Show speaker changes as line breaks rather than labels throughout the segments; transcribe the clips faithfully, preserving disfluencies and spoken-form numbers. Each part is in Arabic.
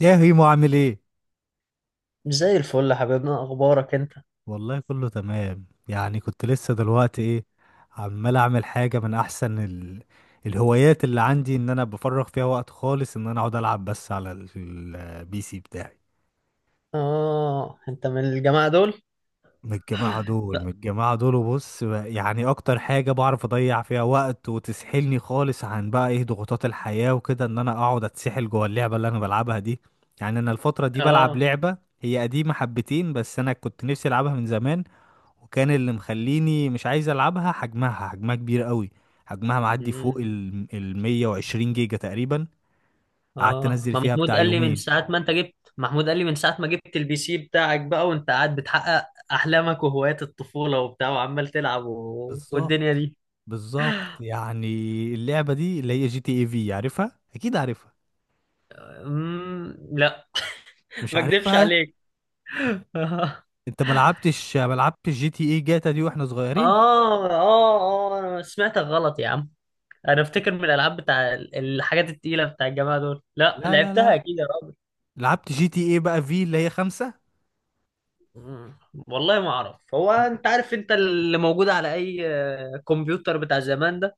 يا هيمو، عامل ايه؟
زي الفل يا حبيبنا، اخبارك انت؟
والله كله تمام. يعني كنت لسه دلوقتي ايه عمال اعمل حاجه من احسن ال... الهوايات اللي عندي، ان انا بفرغ فيها وقت خالص، ان انا اقعد العب بس على ال- البي سي بتاعي.
اه، انت من الجماعه دول.
من الجماعه دول،
لا.
من الجماعه دول. وبص بقى- يعني اكتر حاجه بعرف اضيع فيها وقت وتسحلني خالص عن بقى ايه ضغوطات الحياه وكده، ان انا اقعد اتسحل جوه اللعبه اللي انا بلعبها دي. يعني انا الفتره دي بلعب
اه.
لعبه هي قديمه حبتين، بس انا كنت نفسي العبها من زمان. وكان اللي مخليني مش عايز العبها، حجمها حجمها كبير قوي. حجمها معدي فوق
مم.
ال ال 120 جيجا تقريبا. قعدت
اه،
انزل
ما
فيها
محمود
بتاع
قال لي من
يومين.
ساعه ما انت جبت، محمود قال لي من ساعه ما جبت البي سي بتاعك بقى، وانت قاعد بتحقق احلامك وهوايات الطفوله وبتاع، وعمال تلعب و... والدنيا
بالظبط.
دي.
بالظبط يعني. اللعبه دي اللي هي جي تي اي في، عارفها؟ اكيد عارفها.
مم. لا.
مش
ما اكدبش
عارفها؟
عليك. اه.
انت ما لعبتش، ما لعبتش جي تي اي جاتا دي واحنا صغيرين؟
اه. اه، انا سمعتك غلط يا عم. انا افتكر من الالعاب بتاع الحاجات التقيله بتاع الجماعه دول، لا
لا لا
لعبتها
لا.
اكيد يا راجل.
لعبت جي تي اي بقى في اللي هي خمسة.
مم. والله ما اعرف، هو انت عارف انت اللي موجود على اي آه، كمبيوتر بتاع زمان ده؟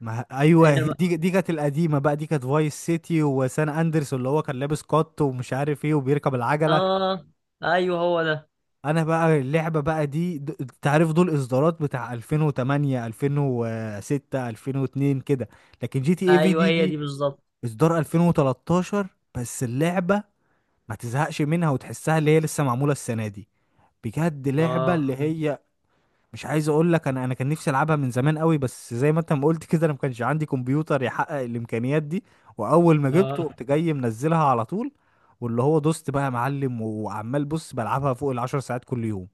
ما ايوه،
انما
دي دي كانت القديمه بقى. دي كانت فايس سيتي وسان اندرس، اللي هو كان لابس كات ومش عارف ايه وبيركب العجله.
اه. ايوه هو ده.
انا بقى اللعبه بقى دي د- انت عارف دول اصدارات بتاع ألفين وتمنية، ألفين وستة، ألفين واثنين كده. لكن جي تي اي في
ايوه
دي
هي دي
دي
بالظبط.
اصدار ألفين وتلتاشر. بس اللعبه ما تزهقش منها وتحسها اللي هي لسه معموله السنه دي. بجد لعبه
اه.
اللي هي، مش عايز اقول لك، انا انا كان نفسي العبها من زمان قوي، بس زي ما انت ما قلت كده، انا ما كانش عندي كمبيوتر يحقق الامكانيات دي. واول ما جبته
اه.
قمت جاي منزلها على طول. واللي هو دوست بقى يا معلم، وعمال بص بلعبها فوق العشر ساعات كل يوم.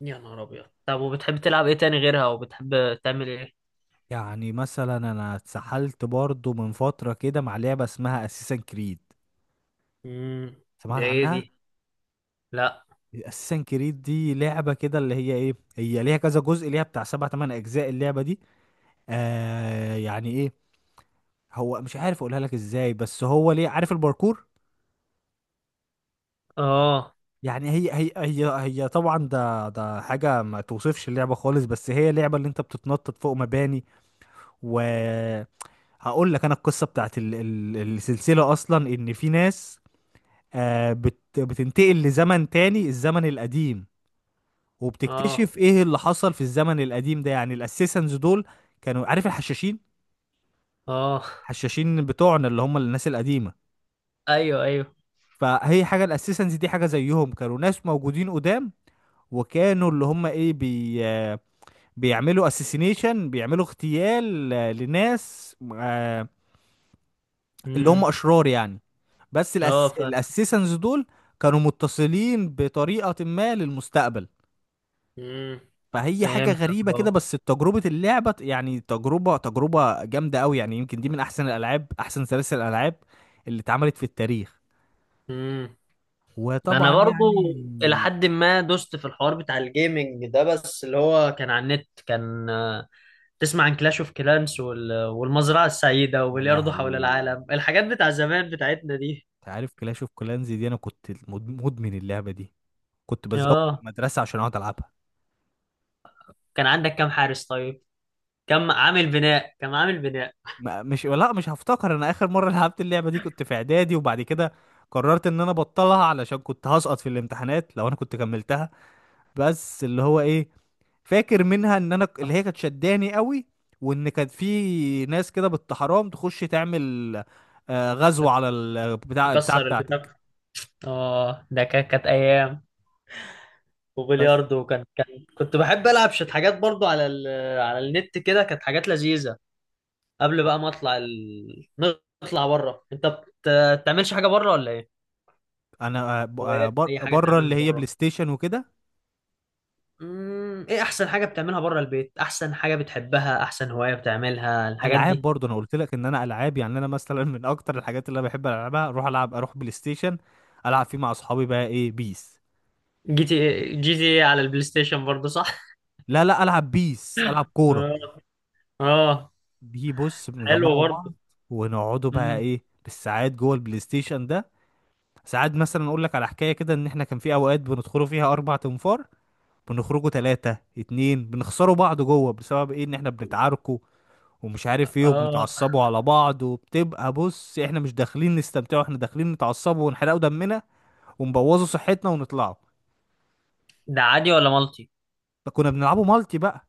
يا نهار ابيض، طب وبتحب تلعب ايه تاني غيرها؟ وبتحب تعمل ايه؟
يعني مثلا انا اتسحلت برضو من فترة كده مع لعبة اسمها اساسن كريد.
امم. ده
سمعت
ايه
عنها؟
دي؟ لا.
اساسن كريد دي لعبة كده اللي هي ايه، هي ليها كذا جزء، ليها بتاع سبع تمن اجزاء اللعبة دي. آه يعني ايه، هو مش عارف اقولها لك ازاي، بس هو ليه عارف الباركور.
اه.
يعني هي هي هي هي طبعا ده ده حاجة ما توصفش اللعبة خالص، بس هي لعبة اللي انت بتتنطط فوق مباني. و هقول لك انا القصة بتاعت ال- ال- السلسلة اصلا، ان في ناس آه، بت- بتنتقل لزمن تاني، الزمن القديم.
اه.
وبتكتشف ايه اللي حصل في الزمن القديم ده، يعني الاسيسنز دول كانوا عارف الحشاشين.
اه.
الحشاشين بتوعنا، اللي هم الناس القديمة.
ايوه، ايوه.
فهي حاجة، الاسيسنز دي حاجة زيهم، كانوا ناس موجودين قدام. وكانوا اللي هم ايه بي آه، بيعملوا اسيسينيشن، بيعملوا اغتيال آه، لناس آه، اللي هم
امم.
اشرار يعني. بس
اه،
الأس...
فاهم.
الاسيسنز دول كانوا متصلين بطريقة ما للمستقبل.
امم.
فهي حاجة
فهمتك.
غريبة كده،
اه.
بس تجربة اللعبة يعني، تجربة تجربة جامدة أوي، يعني يمكن دي من أحسن الألعاب، أحسن سلاسل الألعاب اللي اتعملت في التاريخ.
مم. انا
وطبعا
برضو
يعني،
الى حد ما دوست في الحوار بتاع الجيمنج ده، بس اللي هو كان على النت، كان آه، تسمع عن كلاش اوف كلانس وال... والمزرعه السعيده
يا
وبلياردو حول
لهوي.
العالم، الحاجات بتاع زمان بتاعتنا دي.
أنت عارف كلاش اوف كلانز دي، أنا كنت مد- مدمن اللعبة دي. كنت بزوق
اه،
المدرسة عشان أقعد ألعبها.
كان عندك كام حارس طيب؟ كم عامل بناء، كم عامل بناء
ما- مش، لا، مش هفتكر. أنا آخر مرة لعبت اللعبة دي كنت في إعدادي، وبعد كده قررت إن أنا أبطلها علشان كنت هسقط في الامتحانات لو أنا كنت كملتها. بس اللي هو إيه، فاكر منها ان انا ك- اللي هي كانت شداني قوي، وان كان في ناس كده بالت- حرام تخش تعمل آه، غزو على ال- بتاع البتاع
يكسر البتاع.
بتاعتك.
اه، ده كا- كانت ايام.
بس
وبلياردو كان كان كنت بحب العب شويه حاجات برضو على ال... على النت، كده كانت حاجات لذيذه. قبل بقى ما اطلع ال... نطلع بره. انت بت- بتعملش حاجه بره ولا ايه؟
انا آه، ب- آه،
هوايات،
بر-
اي حاجه
بره
تعملها
اللي هي بلاي
بره.
ستيشن وكده.
امم، ايه احسن حاجه بتعملها بره البيت؟ احسن حاجه بتحبها، احسن هوايه بتعملها الحاجات
العاب
دي؟
برضه، انا قلت لك ان انا العاب. يعني انا مثلا من اكتر الحاجات اللي انا بحب العبها اروح العب اروح بلاي ستيشن، العب فيه مع اصحابي بقى ايه بيس.
جي تي إيه، جي تي إيه على البلاي ستيشن برضه، صح؟
لا لا، العب بيس، العب كوره.
اه. اه.
بي بص،
حلو
بنجمعوا بعض
برضه.
ونقعدوا بقى
امم.
ايه بالساعات جوه البلاي ستيشن ده. ساعات مثلا اقول لك على حكايه كده، ان احنا كان في اوقات بندخلوا فيها اربع تنفار، بنخرجوا ثلاثه اتنين، بنخسروا بعض جوه بسبب ايه، ان احنا بنتعاركوا ومش عارف ايه،
اه.
وبنتعصبوا على بعض، وبتبقى بص احنا مش داخلين نستمتعوا، احنا داخلين نتعصبوا ونحرقوا دمنا ونبوظوا صحتنا ونطلعوا.
ده عادي ولا مالتي؟
ده كنا بنلعبوا مالتي بقى.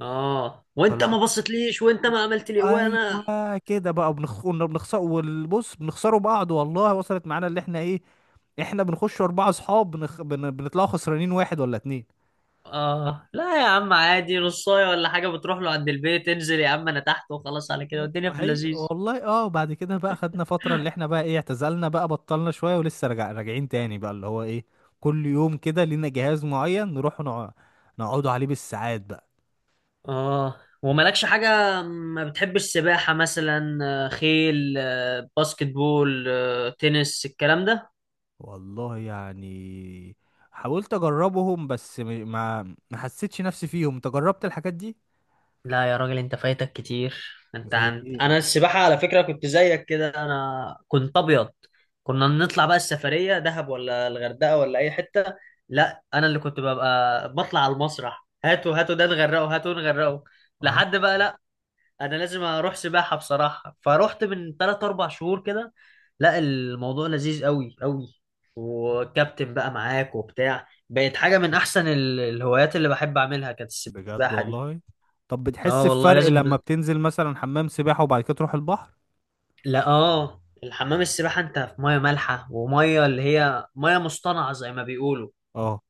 اه، وانت
فال-
ما بصيتليش وانت ما عملت لي وانا
ايوه كده بقى بنخ... كنا بنخسر، والبص بنخسروا بعض، والله وصلت معانا اللي احنا ايه، احنا بنخش اربعه اصحاب بنخ... بن... بنطلعوا خسرانين واحد ولا اتنين.
اه. لا يا عم، عادي نصايه ولا حاجه، بتروح له عند البيت، انزل يا عم انا تحت وخلاص، على كده والدنيا في
ما هي
اللذيذ.
والله، اه، بعد كده بقى خدنا فترة اللي احنا بقى ايه، اعتزلنا بقى، بطلنا شوية، ولسه راجع راجعين تاني بقى اللي هو ايه، كل يوم كده لينا جهاز معين نروح نقع- نقعدوا عليه بالساعات بقى.
اه، ومالكش حاجة ما بتحبش؟ سباحة مثلا، آه، خيل، آه، باسكت بول، آه، تنس، الكلام ده.
والله يعني حاولت اجربهم بس م- ما ما حسيتش نفسي فيهم. انت جربت الحاجات دي؟
لا يا راجل، انت فايتك كتير. انت
زي
عن...
ايه
انا
مثلا؟
السباحة على فكرة كنت زيك كده، انا كنت ابيض. كنا نطلع بقى السفرية دهب ولا الغردقة ولا اي حتة، لا انا اللي كنت ببقى بطلع على المسرح، هاتوا هاتوا ده نغرقه، هاتوا نغرقه،
اه،
لحد بقى لا. انا لازم اروح سباحه بصراحه، فروحت من ثلاثة اربعة شهور كده. لا الموضوع لذيذ قوي قوي، وكابتن بقى معاك وبتاع، بقت حاجه من احسن ال- الهوايات اللي بحب اعملها، كانت
بجد
السباحه دي.
والله. طب
اه
بتحس
والله
بفرق
لازم.
لما بتنزل مثلا حمام سباحة وبعد كده تروح البحر؟
لا اه، الحمام السباحه انت في ميه مالحه، وميه اللي هي ميه مصطنعه زي ما بيقولوا،
اه.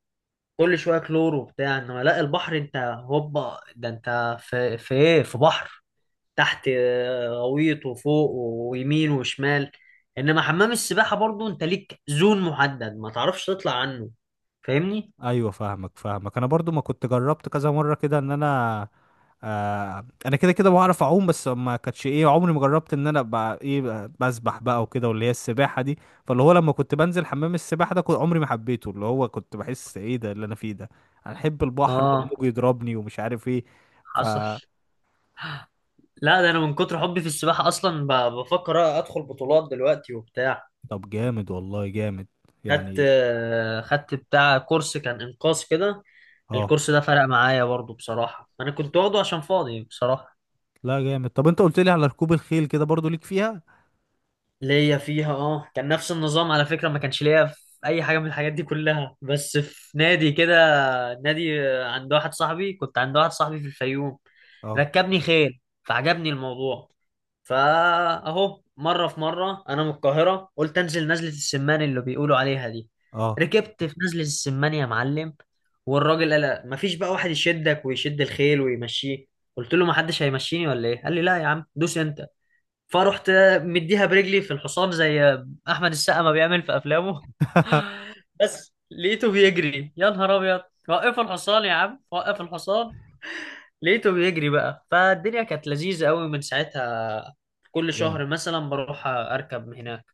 كل شويه كلور وبتاع. انما لا، البحر انت هوبا، ده انت في في ايه، في بحر، تحت آه، غويط وفوق ويمين وشمال. انما حمام السباحة برضو انت ليك زون محدد، ما تعرفش تطلع عنه، فاهمني.
ايوه، فاهمك فاهمك. انا برضو ما كنت جربت كذا مرة كده، ان انا آه انا كده كده بعرف اعوم، بس ما كانتش ايه، عمري ما جربت ان انا ابقى ايه ب- بسبح بقى وكده، واللي هي السباحه دي. فاللي هو لما كنت بنزل حمام السباحه ده كنت عمري ما حبيته، اللي هو كنت بحس ايه ده اللي انا فيه ده. انا احب البحر
اه،
والموج يضربني ومش عارف ايه. ف
حصل. لا ده انا من كتر حبي في السباحة، اصلا ب- بفكر ادخل بطولات دلوقتي وبتاع.
طب جامد والله، جامد
خدت
يعني.
آه، خدت بتاع كورس كان انقاذ كده.
اه،
الكورس ده فرق معايا برضو بصراحة، انا كنت واخده عشان فاضي بصراحة.
لا جامد. طب انت قلت لي على ركوب الخيل كده، برضو ليك فيها؟
ليا فيها، اه كان نفس النظام على فكرة، ما كانش ليا في اي حاجة من الحاجات دي كلها، بس في نادي كده، نادي عند واحد صاحبي، كنت عند واحد صاحبي في الفيوم.
اه
ركبني خيل فعجبني الموضوع. فاهو مرة في مرة انا من القاهرة، قلت انزل نزلة السمان اللي بيقولوا عليها دي.
اه
ركبت في نزلة السمان يا معلم، والراجل قال لا، مفيش بقى واحد يشدك ويشد الخيل ويمشيه. قلت له ما حدش هيمشيني ولا ايه؟ قال لي لا يا عم، دوس انت. فرحت مديها برجلي في الحصان، زي احمد السقا ما بيعمل في افلامه. بس لقيته بيجري، يا نهار ابيض، وقف الحصان يا عم، وقف الحصان. لقيته بيجري بقى، فالدنيا كانت لذيذة قوي من ساعتها. كل
جامد،
شهر مثلا بروح اركب هناك.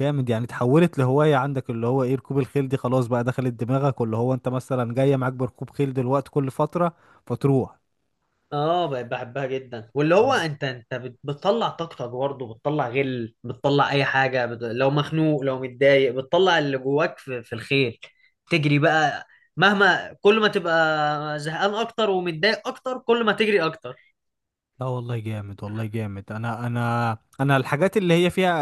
جامد يعني. اتحولت لهواية عندك اللي هو ايه، ركوب الخيل دي خلاص بقى دخلت دماغك. واللي هو انت مثلا جاية معاك بركوب خيل دلوقتي كل فترة فتروح.
اه بقيت بحبها جدا، واللي هو انت انت بت- بتطلع طاقتك برضه، بتطلع غل، بتطلع اي حاجه بت... لو مخنوق لو متضايق، بتطلع اللي جواك في، في الخيل، تجري بقى. مهما كل ما تبقى زهقان اكتر ومتضايق اكتر، كل ما تجري اكتر.
لا والله جامد، والله جامد. انا انا انا الحاجات اللي هي فيها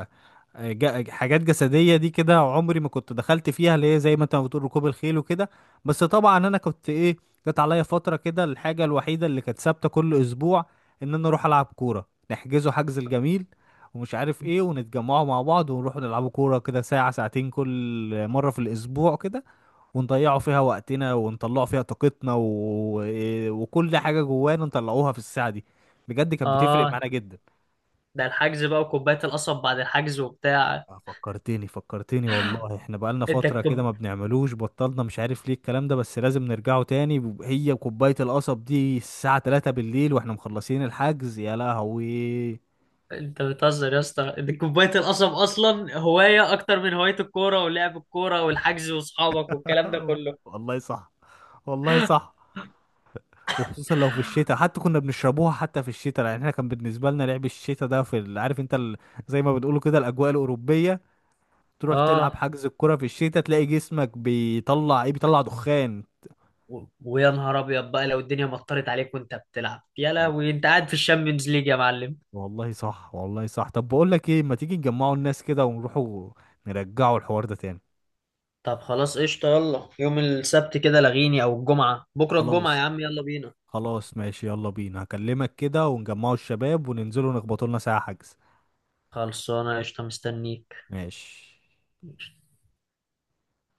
آه، آه، جا- حاجات جسدية دي كده عمري ما كنت دخلت فيها، اللي هي زي ما انت ما بتقول ركوب الخيل وكده. بس طبعا انا كنت ايه، جت عليا فترة كده الحاجة الوحيدة اللي كانت ثابتة كل اسبوع، ان انا اروح العب كورة نحجزه حجز الجميل ومش عارف ايه، ونتجمعوا مع بعض، ونروح نلعبوا كورة كده ساعة ساعتين كل مرة في الاسبوع كده، ونضيعوا فيها وقتنا، ونطلعوا فيها طاقتنا، و... وكل حاجة جوانا نطلعوها في الساعة دي. بجد كانت بتفرق
اه،
معانا جدا.
ده الحجز بقى وكوبايه القصب بعد الحجز وبتاع.
آه، فكرتني فكرتني والله، احنا بقالنا
انت
فترة كده
كوب...
ما بنعملوش، بطلنا مش عارف ليه الكلام ده، بس لازم نرجعه تاني. ب- هي وكوباية القصب دي الساعة تلاتة بالليل واحنا مخلصين الحجز، يا لهوي.
انت بتهزر يا اسطى، انت كوبايه القصب اصلا هوايه اكتر من هوايه الكوره ولعب الكوره والحجز واصحابك والكلام ده كله.
والله صح، والله صح. وخصوصا لو في الشتاء، حتى كنا بنشربوها حتى في الشتاء، يعني احنا كان بالنسبة لنا لعب الشتاء ده في ال- عارف انت ال... زي ما بتقولوا كده الأجواء الأوروبية. تروح تلعب
اه،
حجز الكرة في الشتاء تلاقي جسمك بيطلع ايه، بيطلع دخان.
و- ويا نهار ابيض بقى لو الدنيا مطرت عليك وانت بتلعب، يا لهوي انت قاعد في الشامبيونز ليج يا معلم.
والله صح، والله صح. طب بقول لك ايه، ما تيجي نجمعوا الناس كده ونروحوا نرجعوا الحوار ده تاني؟
طب خلاص قشطة، يلا يوم السبت كده لغيني، او الجمعة، بكرة الجمعة
خلاص.
يا عم، يلا بينا.
خلاص ماشي، يلا بينا. هكلمك كده ونجمعوا الشباب وننزلوا نخبطوا لنا ساعة حجز.
خلصانة قشطة، مستنيك.
ماشي.